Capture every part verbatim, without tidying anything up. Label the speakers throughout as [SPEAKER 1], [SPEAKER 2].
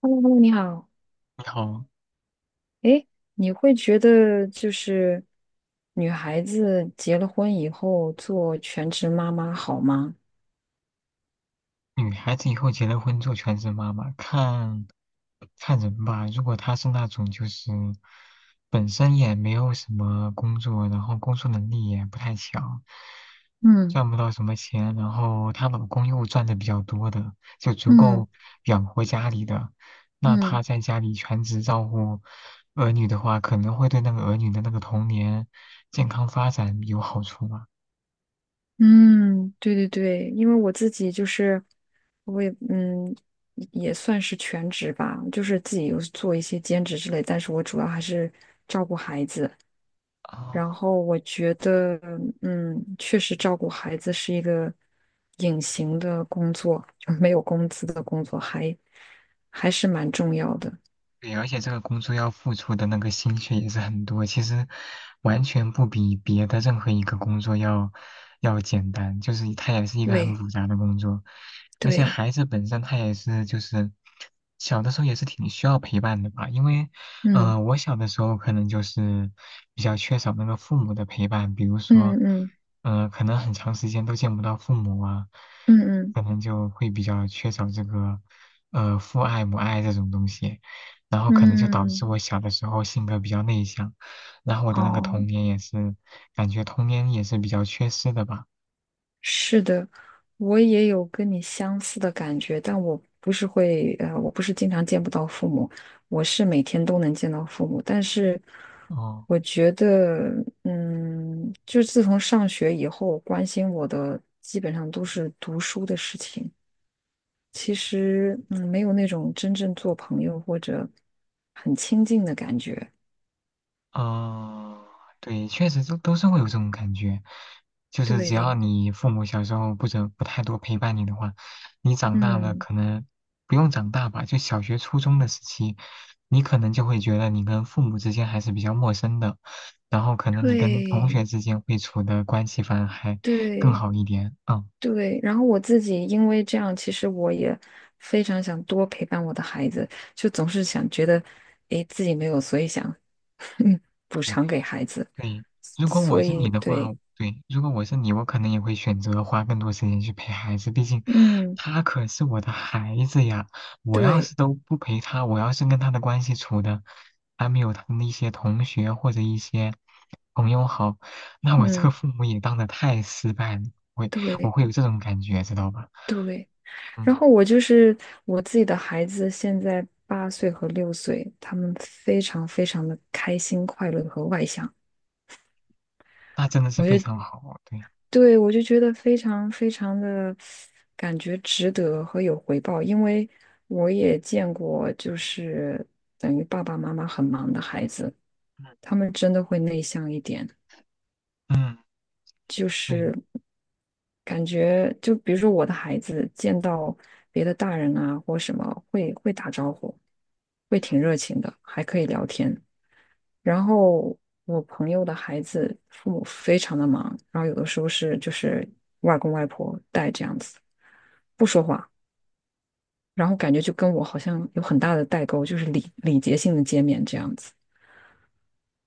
[SPEAKER 1] Hello，你好。
[SPEAKER 2] 你好，
[SPEAKER 1] 诶，你会觉得就是女孩子结了婚以后做全职妈妈好吗？
[SPEAKER 2] 女孩子以后结了婚做全职妈妈，看看人吧。如果她是那种就是本身也没有什么工作，然后工作能力也不太强，
[SPEAKER 1] 嗯
[SPEAKER 2] 赚不到什么钱，然后她老公又赚的比较多的，就足
[SPEAKER 1] 嗯
[SPEAKER 2] 够养活家里的，那她
[SPEAKER 1] 嗯
[SPEAKER 2] 在家里全职照顾儿女的话，可能会对那个儿女的那个童年健康发展有好处吗？
[SPEAKER 1] 嗯，对对对，因为我自己就是我也嗯也算是全职吧，就是自己有做一些兼职之类，但是我主要还是照顾孩子。然
[SPEAKER 2] 哦，
[SPEAKER 1] 后我觉得，嗯，确实照顾孩子是一个隐形的工作，就没有工资的工作还，还是蛮重要的。
[SPEAKER 2] 对，而且这个工作要付出的那个心血也是很多，其实完全不比别的任何一个工作要要简单，就是它也是一个很
[SPEAKER 1] 对
[SPEAKER 2] 复杂的工作，而且
[SPEAKER 1] 对，
[SPEAKER 2] 孩子本身他也是就是小的时候也是挺需要陪伴的吧，因为
[SPEAKER 1] 嗯
[SPEAKER 2] 呃我小的时候可能就是比较缺少那个父母的陪伴，比如说
[SPEAKER 1] 嗯嗯
[SPEAKER 2] 呃可能很长时间都见不到父母啊，
[SPEAKER 1] 嗯
[SPEAKER 2] 可能就会比较缺少这个呃父爱母爱这种东西。然后可能就导
[SPEAKER 1] 嗯嗯，
[SPEAKER 2] 致我小的时候性格比较内向，然后我的那个童
[SPEAKER 1] 哦，
[SPEAKER 2] 年也是，感觉童年也是比较缺失的吧。
[SPEAKER 1] 是的，我也有跟你相似的感觉，但我不是会，呃，我不是经常见不到父母，我是每天都能见到父母，但是
[SPEAKER 2] 哦，
[SPEAKER 1] 我觉得，嗯，就是自从上学以后，关心我的基本上都是读书的事情，其实，嗯，没有那种真正做朋友或者很亲近的感觉，
[SPEAKER 2] 哦，对，确实都都是会有这种感觉，就是只要
[SPEAKER 1] 对，
[SPEAKER 2] 你父母小时候不怎不太多陪伴你的话，你长大了
[SPEAKER 1] 嗯，
[SPEAKER 2] 可能不用长大吧，就小学初中的时期，你可能就会觉得你跟父母之间还是比较陌生的，然后可能你跟同
[SPEAKER 1] 对，
[SPEAKER 2] 学之间会处的关系反而还更
[SPEAKER 1] 对。
[SPEAKER 2] 好一点，嗯。
[SPEAKER 1] 对，然后我自己因为这样，其实我也非常想多陪伴我的孩子，就总是想觉得，诶，自己没有，所以想，嗯补偿给孩子，
[SPEAKER 2] 对，如果
[SPEAKER 1] 所
[SPEAKER 2] 我是
[SPEAKER 1] 以
[SPEAKER 2] 你的话，
[SPEAKER 1] 对，
[SPEAKER 2] 对，如果我是你，我可能也会选择花更多时间去陪孩子，毕竟
[SPEAKER 1] 嗯，
[SPEAKER 2] 他可是我的孩子呀。我要
[SPEAKER 1] 对，
[SPEAKER 2] 是都不陪他，我要是跟他的关系处的还没有他的一些同学或者一些朋友好，那我这个
[SPEAKER 1] 嗯，
[SPEAKER 2] 父母也当的太失败了，会我
[SPEAKER 1] 对，
[SPEAKER 2] 会有这种感觉，知道吧？
[SPEAKER 1] 对。然
[SPEAKER 2] 嗯，
[SPEAKER 1] 后我就是我自己的孩子，现在八岁和六岁，他们非常非常的开心、快乐和外向，
[SPEAKER 2] 那真的是
[SPEAKER 1] 我
[SPEAKER 2] 非常好，对，
[SPEAKER 1] 对，我就觉得非常非常的感觉值得和有回报，因为我也见过，就是等于爸爸妈妈很忙的孩子，他们真的会内向一点，
[SPEAKER 2] 嗯嗯，
[SPEAKER 1] 就
[SPEAKER 2] 对。
[SPEAKER 1] 是感觉就比如说我的孩子见到别的大人啊或什么，会会打招呼，会挺热情的，还可以聊天。然后我朋友的孩子父母非常的忙，然后有的时候是就是外公外婆带这样子，不说话，然后感觉就跟我好像有很大的代沟，就是礼礼节性的见面这样子。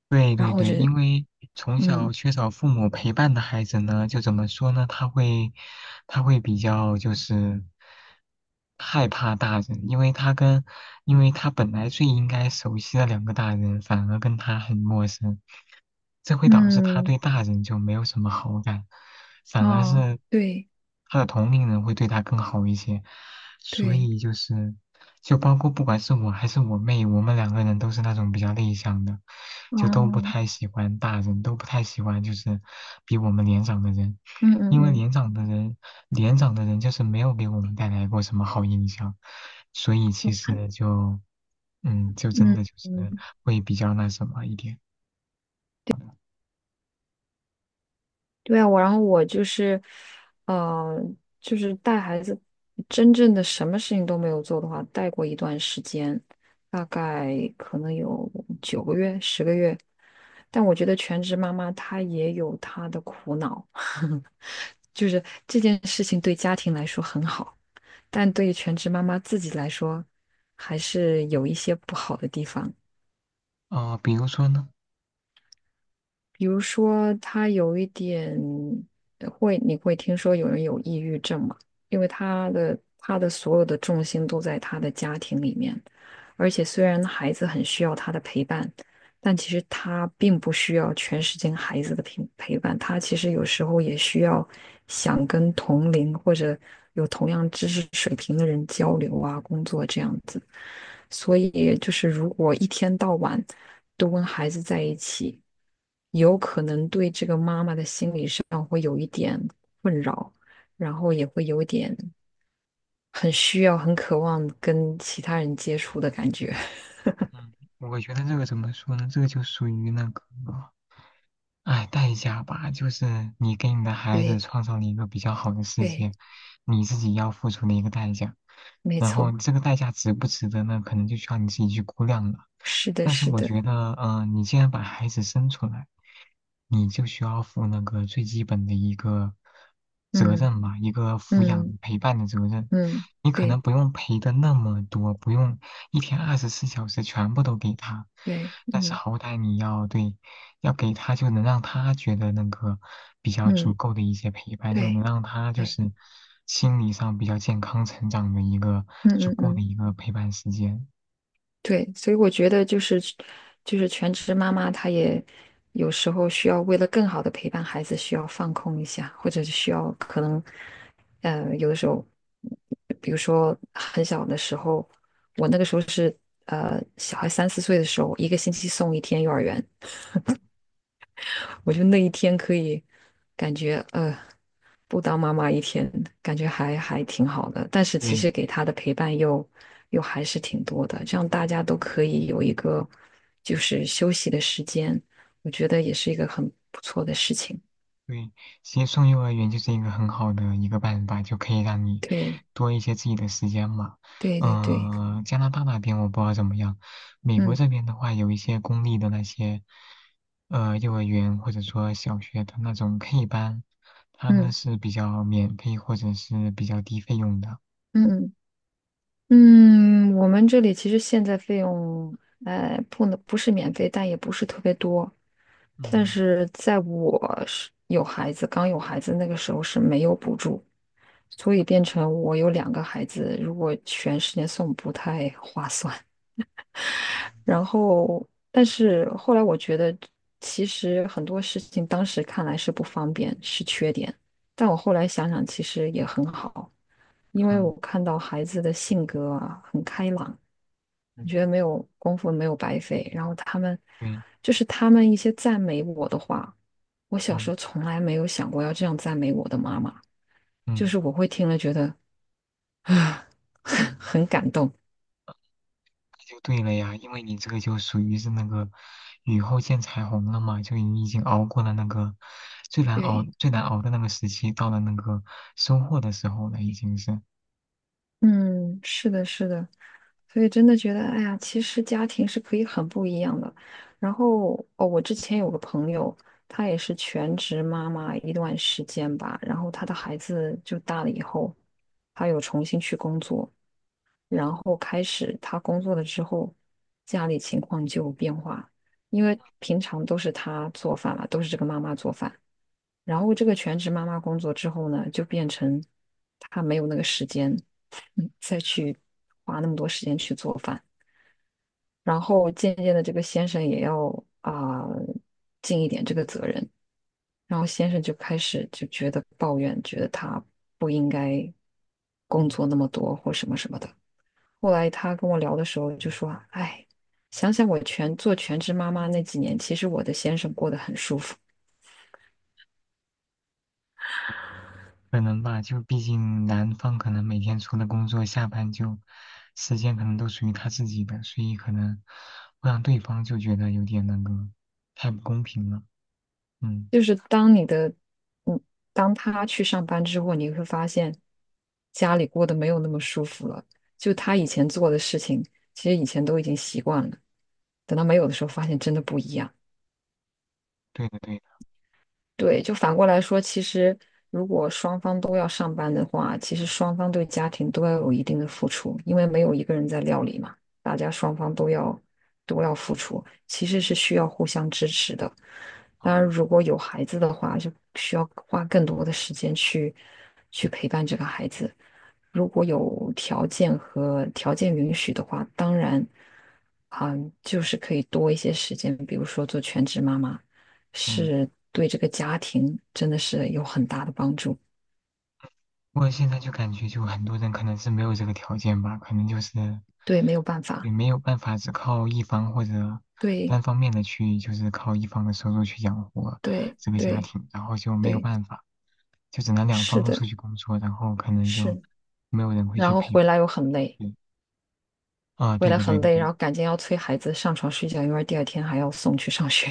[SPEAKER 2] 对
[SPEAKER 1] 然
[SPEAKER 2] 对
[SPEAKER 1] 后我
[SPEAKER 2] 对，
[SPEAKER 1] 就
[SPEAKER 2] 因为从小
[SPEAKER 1] 嗯
[SPEAKER 2] 缺少父母陪伴的孩子呢，就怎么说呢？他会，他会比较就是害怕大人，因为他跟，因为他本来最应该熟悉的两个大人，反而跟他很陌生，这会导致他
[SPEAKER 1] 嗯
[SPEAKER 2] 对大人就没有什么好感，反而
[SPEAKER 1] 哦
[SPEAKER 2] 是
[SPEAKER 1] 对
[SPEAKER 2] 他的同龄人会对他更好一些，所
[SPEAKER 1] 对
[SPEAKER 2] 以就是。就包括不管是我还是我妹，我们两个人都是那种比较内向的，就都不太
[SPEAKER 1] 哦
[SPEAKER 2] 喜欢大人，都不太喜欢就是比我们年长的人，
[SPEAKER 1] 嗯嗯
[SPEAKER 2] 因为
[SPEAKER 1] 嗯
[SPEAKER 2] 年长的人，年长的人就是没有给我们带来过什么好印象，所以其实就嗯，就真
[SPEAKER 1] 嗯。
[SPEAKER 2] 的就是
[SPEAKER 1] 嗯
[SPEAKER 2] 会比较那什么一点。
[SPEAKER 1] 对啊，我然后我就是，呃，就是带孩子，真正的什么事情都没有做的话，带过一段时间，大概可能有九个月、十个月。但我觉得全职妈妈她也有她的苦恼，就是这件事情对家庭来说很好，但对于全职妈妈自己来说，还是有一些不好的地方。
[SPEAKER 2] 哦、比如说呢，
[SPEAKER 1] 比如说，他有一点呃会，你会听说有人有抑郁症嘛？因为他的他的所有的重心都在他的家庭里面，而且虽然孩子很需要他的陪伴，但其实他并不需要全时间孩子的陪陪伴，他其实有时候也需要想跟同龄或者有同样知识水平的人交流啊，工作这样子。所以就是如果一天到晚。都跟孩子在一起，有可能对这个妈妈的心理上会有一点困扰，然后也会有一点很需要、很渴望跟其他人接触的感觉。
[SPEAKER 2] 嗯，我觉得这个怎么说呢？这个就属于那个。哎，代价吧，就是你给你的孩子
[SPEAKER 1] 对
[SPEAKER 2] 创造了一个比较好的世
[SPEAKER 1] 对，
[SPEAKER 2] 界，你自己要付出的一个代价。
[SPEAKER 1] 没
[SPEAKER 2] 然后
[SPEAKER 1] 错，
[SPEAKER 2] 这个代价值不值得呢？可能就需要你自己去估量了。
[SPEAKER 1] 是的，
[SPEAKER 2] 但是
[SPEAKER 1] 是
[SPEAKER 2] 我
[SPEAKER 1] 的，
[SPEAKER 2] 觉得，呃，你既然把孩子生出来，你就需要负那个最基本的一个责
[SPEAKER 1] 嗯
[SPEAKER 2] 任吧，一个抚养
[SPEAKER 1] 嗯
[SPEAKER 2] 陪伴的责任。
[SPEAKER 1] 嗯，
[SPEAKER 2] 你可能
[SPEAKER 1] 对
[SPEAKER 2] 不用陪的那么多，不用一天二十四小时全部都给他，
[SPEAKER 1] 对，
[SPEAKER 2] 但是
[SPEAKER 1] 嗯
[SPEAKER 2] 好歹你要对。要给他就能让他觉得那个比较足
[SPEAKER 1] 嗯
[SPEAKER 2] 够的一些陪伴，就
[SPEAKER 1] 对
[SPEAKER 2] 能让他就
[SPEAKER 1] 对，
[SPEAKER 2] 是心理上比较健康成长的一个
[SPEAKER 1] 嗯
[SPEAKER 2] 足
[SPEAKER 1] 嗯
[SPEAKER 2] 够的
[SPEAKER 1] 嗯。
[SPEAKER 2] 一个陪伴时间。
[SPEAKER 1] 对，所以我觉得就是就是全职妈妈，她也有时候需要为了更好的陪伴孩子，需要放空一下，或者是需要可能，呃，有的时候，比如说很小的时候，我那个时候是呃小孩三四岁的时候，一个星期送一天幼儿园，我就那一天可以感觉呃，不当妈妈一天，感觉还还挺好的。但是其
[SPEAKER 2] 对，
[SPEAKER 1] 实给他的陪伴又又还是挺多的，这样大家都可以有一个就是休息的时间，我觉得也是一个很不错的事情。
[SPEAKER 2] 对，其实送幼儿园就是一个很好的一个办法，就可以让你
[SPEAKER 1] 对
[SPEAKER 2] 多一些自己的时间嘛。
[SPEAKER 1] 对对对，
[SPEAKER 2] 嗯、加拿大那边我不知道怎么样，美国
[SPEAKER 1] 嗯
[SPEAKER 2] 这边的话，有一些公立的那些呃幼儿园或者说小学的那种 K 班，它呢
[SPEAKER 1] 嗯
[SPEAKER 2] 是比较免费或者是比较低费用的。
[SPEAKER 1] 嗯嗯嗯，我们这里其实现在费用，哎，不能不是免费，但也不是特别多。但
[SPEAKER 2] 嗯，
[SPEAKER 1] 是在我是有孩子，刚有孩子那个时候是没有补助，所以变成我有两个孩子，如果全时间送不太划算。然后，但是后来我觉得，其实很多事情当时看来是不方便，是缺点，但我后来想想，其实也很好。因为
[SPEAKER 2] 嗯
[SPEAKER 1] 我看到孩子的性格啊很开朗，
[SPEAKER 2] 嗯，
[SPEAKER 1] 你觉得没有功夫没有白费。然后他们
[SPEAKER 2] 对，
[SPEAKER 1] 就是他们一些赞美我的话，我小时
[SPEAKER 2] 嗯
[SPEAKER 1] 候从来没有想过要这样赞美我的妈妈，就
[SPEAKER 2] 嗯。
[SPEAKER 1] 是我会听了觉得啊，很感动。
[SPEAKER 2] 就对了呀，因为你这个就属于是那个雨后见彩虹了嘛，就你已经熬过了那个最难熬、
[SPEAKER 1] 对，
[SPEAKER 2] 最难熬的那个时期，到了那个收获的时候了，已经是
[SPEAKER 1] 嗯，是的，是的，所以真的觉得，哎呀，其实家庭是可以很不一样的。然后哦，我之前有个朋友，她也是全职妈妈一段时间吧，然后她的孩子就大了以后，她有重新去工作。然后开始他工作了之后，家里情况就有变化，因为平常都是他做饭了，都是这个妈妈做饭。然后这个全职妈妈工作之后呢，就变成他没有那个时间，嗯，再去花那么多时间去做饭。然后渐渐的，这个先生也要啊、尽一点这个责任。然后先生就开始就觉得抱怨，觉得他不应该工作那么多或什么什么的。后来他跟我聊的时候就说：“哎，想想我全做全职妈妈那几年，其实我的先生过得很舒服。
[SPEAKER 2] 可能吧，就毕竟男方可能每天除了工作，下班就时间可能都属于他自己的，所以可能会让对方就觉得有点那个太不公平了。嗯，
[SPEAKER 1] 就是当你的，嗯，当他去上班之后，你会发现家里过得没有那么舒服了。就他以前做的事情，其实以前都已经习惯了，等到没有的时候，发现真的不一样。
[SPEAKER 2] 对的对的，
[SPEAKER 1] 对，就反过来说，其实如果双方都要上班的话，其实双方对家庭都要有一定的付出，因为没有一个人在料理嘛，大家双方都要都要付出，其实是需要互相支持的。当然，
[SPEAKER 2] 哦，
[SPEAKER 1] 如果有孩子的话，就需要花更多的时间去去陪伴这个孩子。如果有条件和条件允许的话，当然，嗯，就是可以多一些时间，比如说做全职妈妈。
[SPEAKER 2] 嗯。
[SPEAKER 1] 是对这个家庭真的是有很大的帮助。
[SPEAKER 2] 不过现在就感觉，就很多人可能是没有这个条件吧，可能就是
[SPEAKER 1] 对，没有办法，
[SPEAKER 2] 也没有办法只靠一方或者
[SPEAKER 1] 对
[SPEAKER 2] 单方面的去，就是靠一方的收入去养活
[SPEAKER 1] 对
[SPEAKER 2] 这个家
[SPEAKER 1] 对
[SPEAKER 2] 庭，然后就没有
[SPEAKER 1] 对，
[SPEAKER 2] 办法，就只能两
[SPEAKER 1] 是
[SPEAKER 2] 方都
[SPEAKER 1] 的，
[SPEAKER 2] 出去工作，然后可能就
[SPEAKER 1] 是。
[SPEAKER 2] 没有人会去
[SPEAKER 1] 然后
[SPEAKER 2] 陪伴。
[SPEAKER 1] 回来又很累，
[SPEAKER 2] 对，啊，
[SPEAKER 1] 回
[SPEAKER 2] 对
[SPEAKER 1] 来
[SPEAKER 2] 的，对
[SPEAKER 1] 很
[SPEAKER 2] 的，
[SPEAKER 1] 累，
[SPEAKER 2] 对
[SPEAKER 1] 然
[SPEAKER 2] 的，
[SPEAKER 1] 后赶紧要催孩子上床睡觉，因为第二天还要送去上学，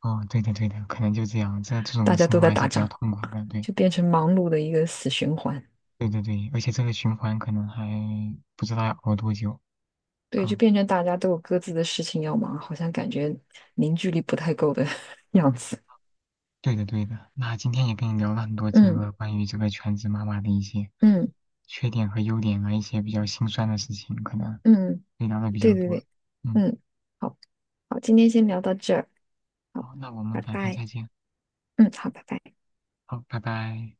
[SPEAKER 2] 哦，对的，对的，可能就这样，这这 种
[SPEAKER 1] 大家
[SPEAKER 2] 生
[SPEAKER 1] 都
[SPEAKER 2] 活
[SPEAKER 1] 在
[SPEAKER 2] 还是
[SPEAKER 1] 打
[SPEAKER 2] 比较
[SPEAKER 1] 仗，
[SPEAKER 2] 痛苦的，对，
[SPEAKER 1] 就变成忙碌的一个死循环。
[SPEAKER 2] 对对对，而且这个循环可能还不知道要熬多久，
[SPEAKER 1] 对，就
[SPEAKER 2] 嗯。
[SPEAKER 1] 变成大家都有各自的事情要忙，好像感觉凝聚力不太够的 样子。
[SPEAKER 2] 对的，对的。那今天也跟你聊了很多这
[SPEAKER 1] 嗯
[SPEAKER 2] 个关于这个全职妈妈的一些
[SPEAKER 1] 嗯
[SPEAKER 2] 缺点和优点啊，一些比较心酸的事情，可能
[SPEAKER 1] 嗯，
[SPEAKER 2] 也聊的比
[SPEAKER 1] 对
[SPEAKER 2] 较
[SPEAKER 1] 对
[SPEAKER 2] 多。
[SPEAKER 1] 对，
[SPEAKER 2] 嗯，
[SPEAKER 1] 嗯，好好，今天先聊到这儿。好，
[SPEAKER 2] 好，那我们
[SPEAKER 1] 拜
[SPEAKER 2] 改天
[SPEAKER 1] 拜。
[SPEAKER 2] 再见。
[SPEAKER 1] 嗯，好，拜拜。拜拜。
[SPEAKER 2] 好，拜拜。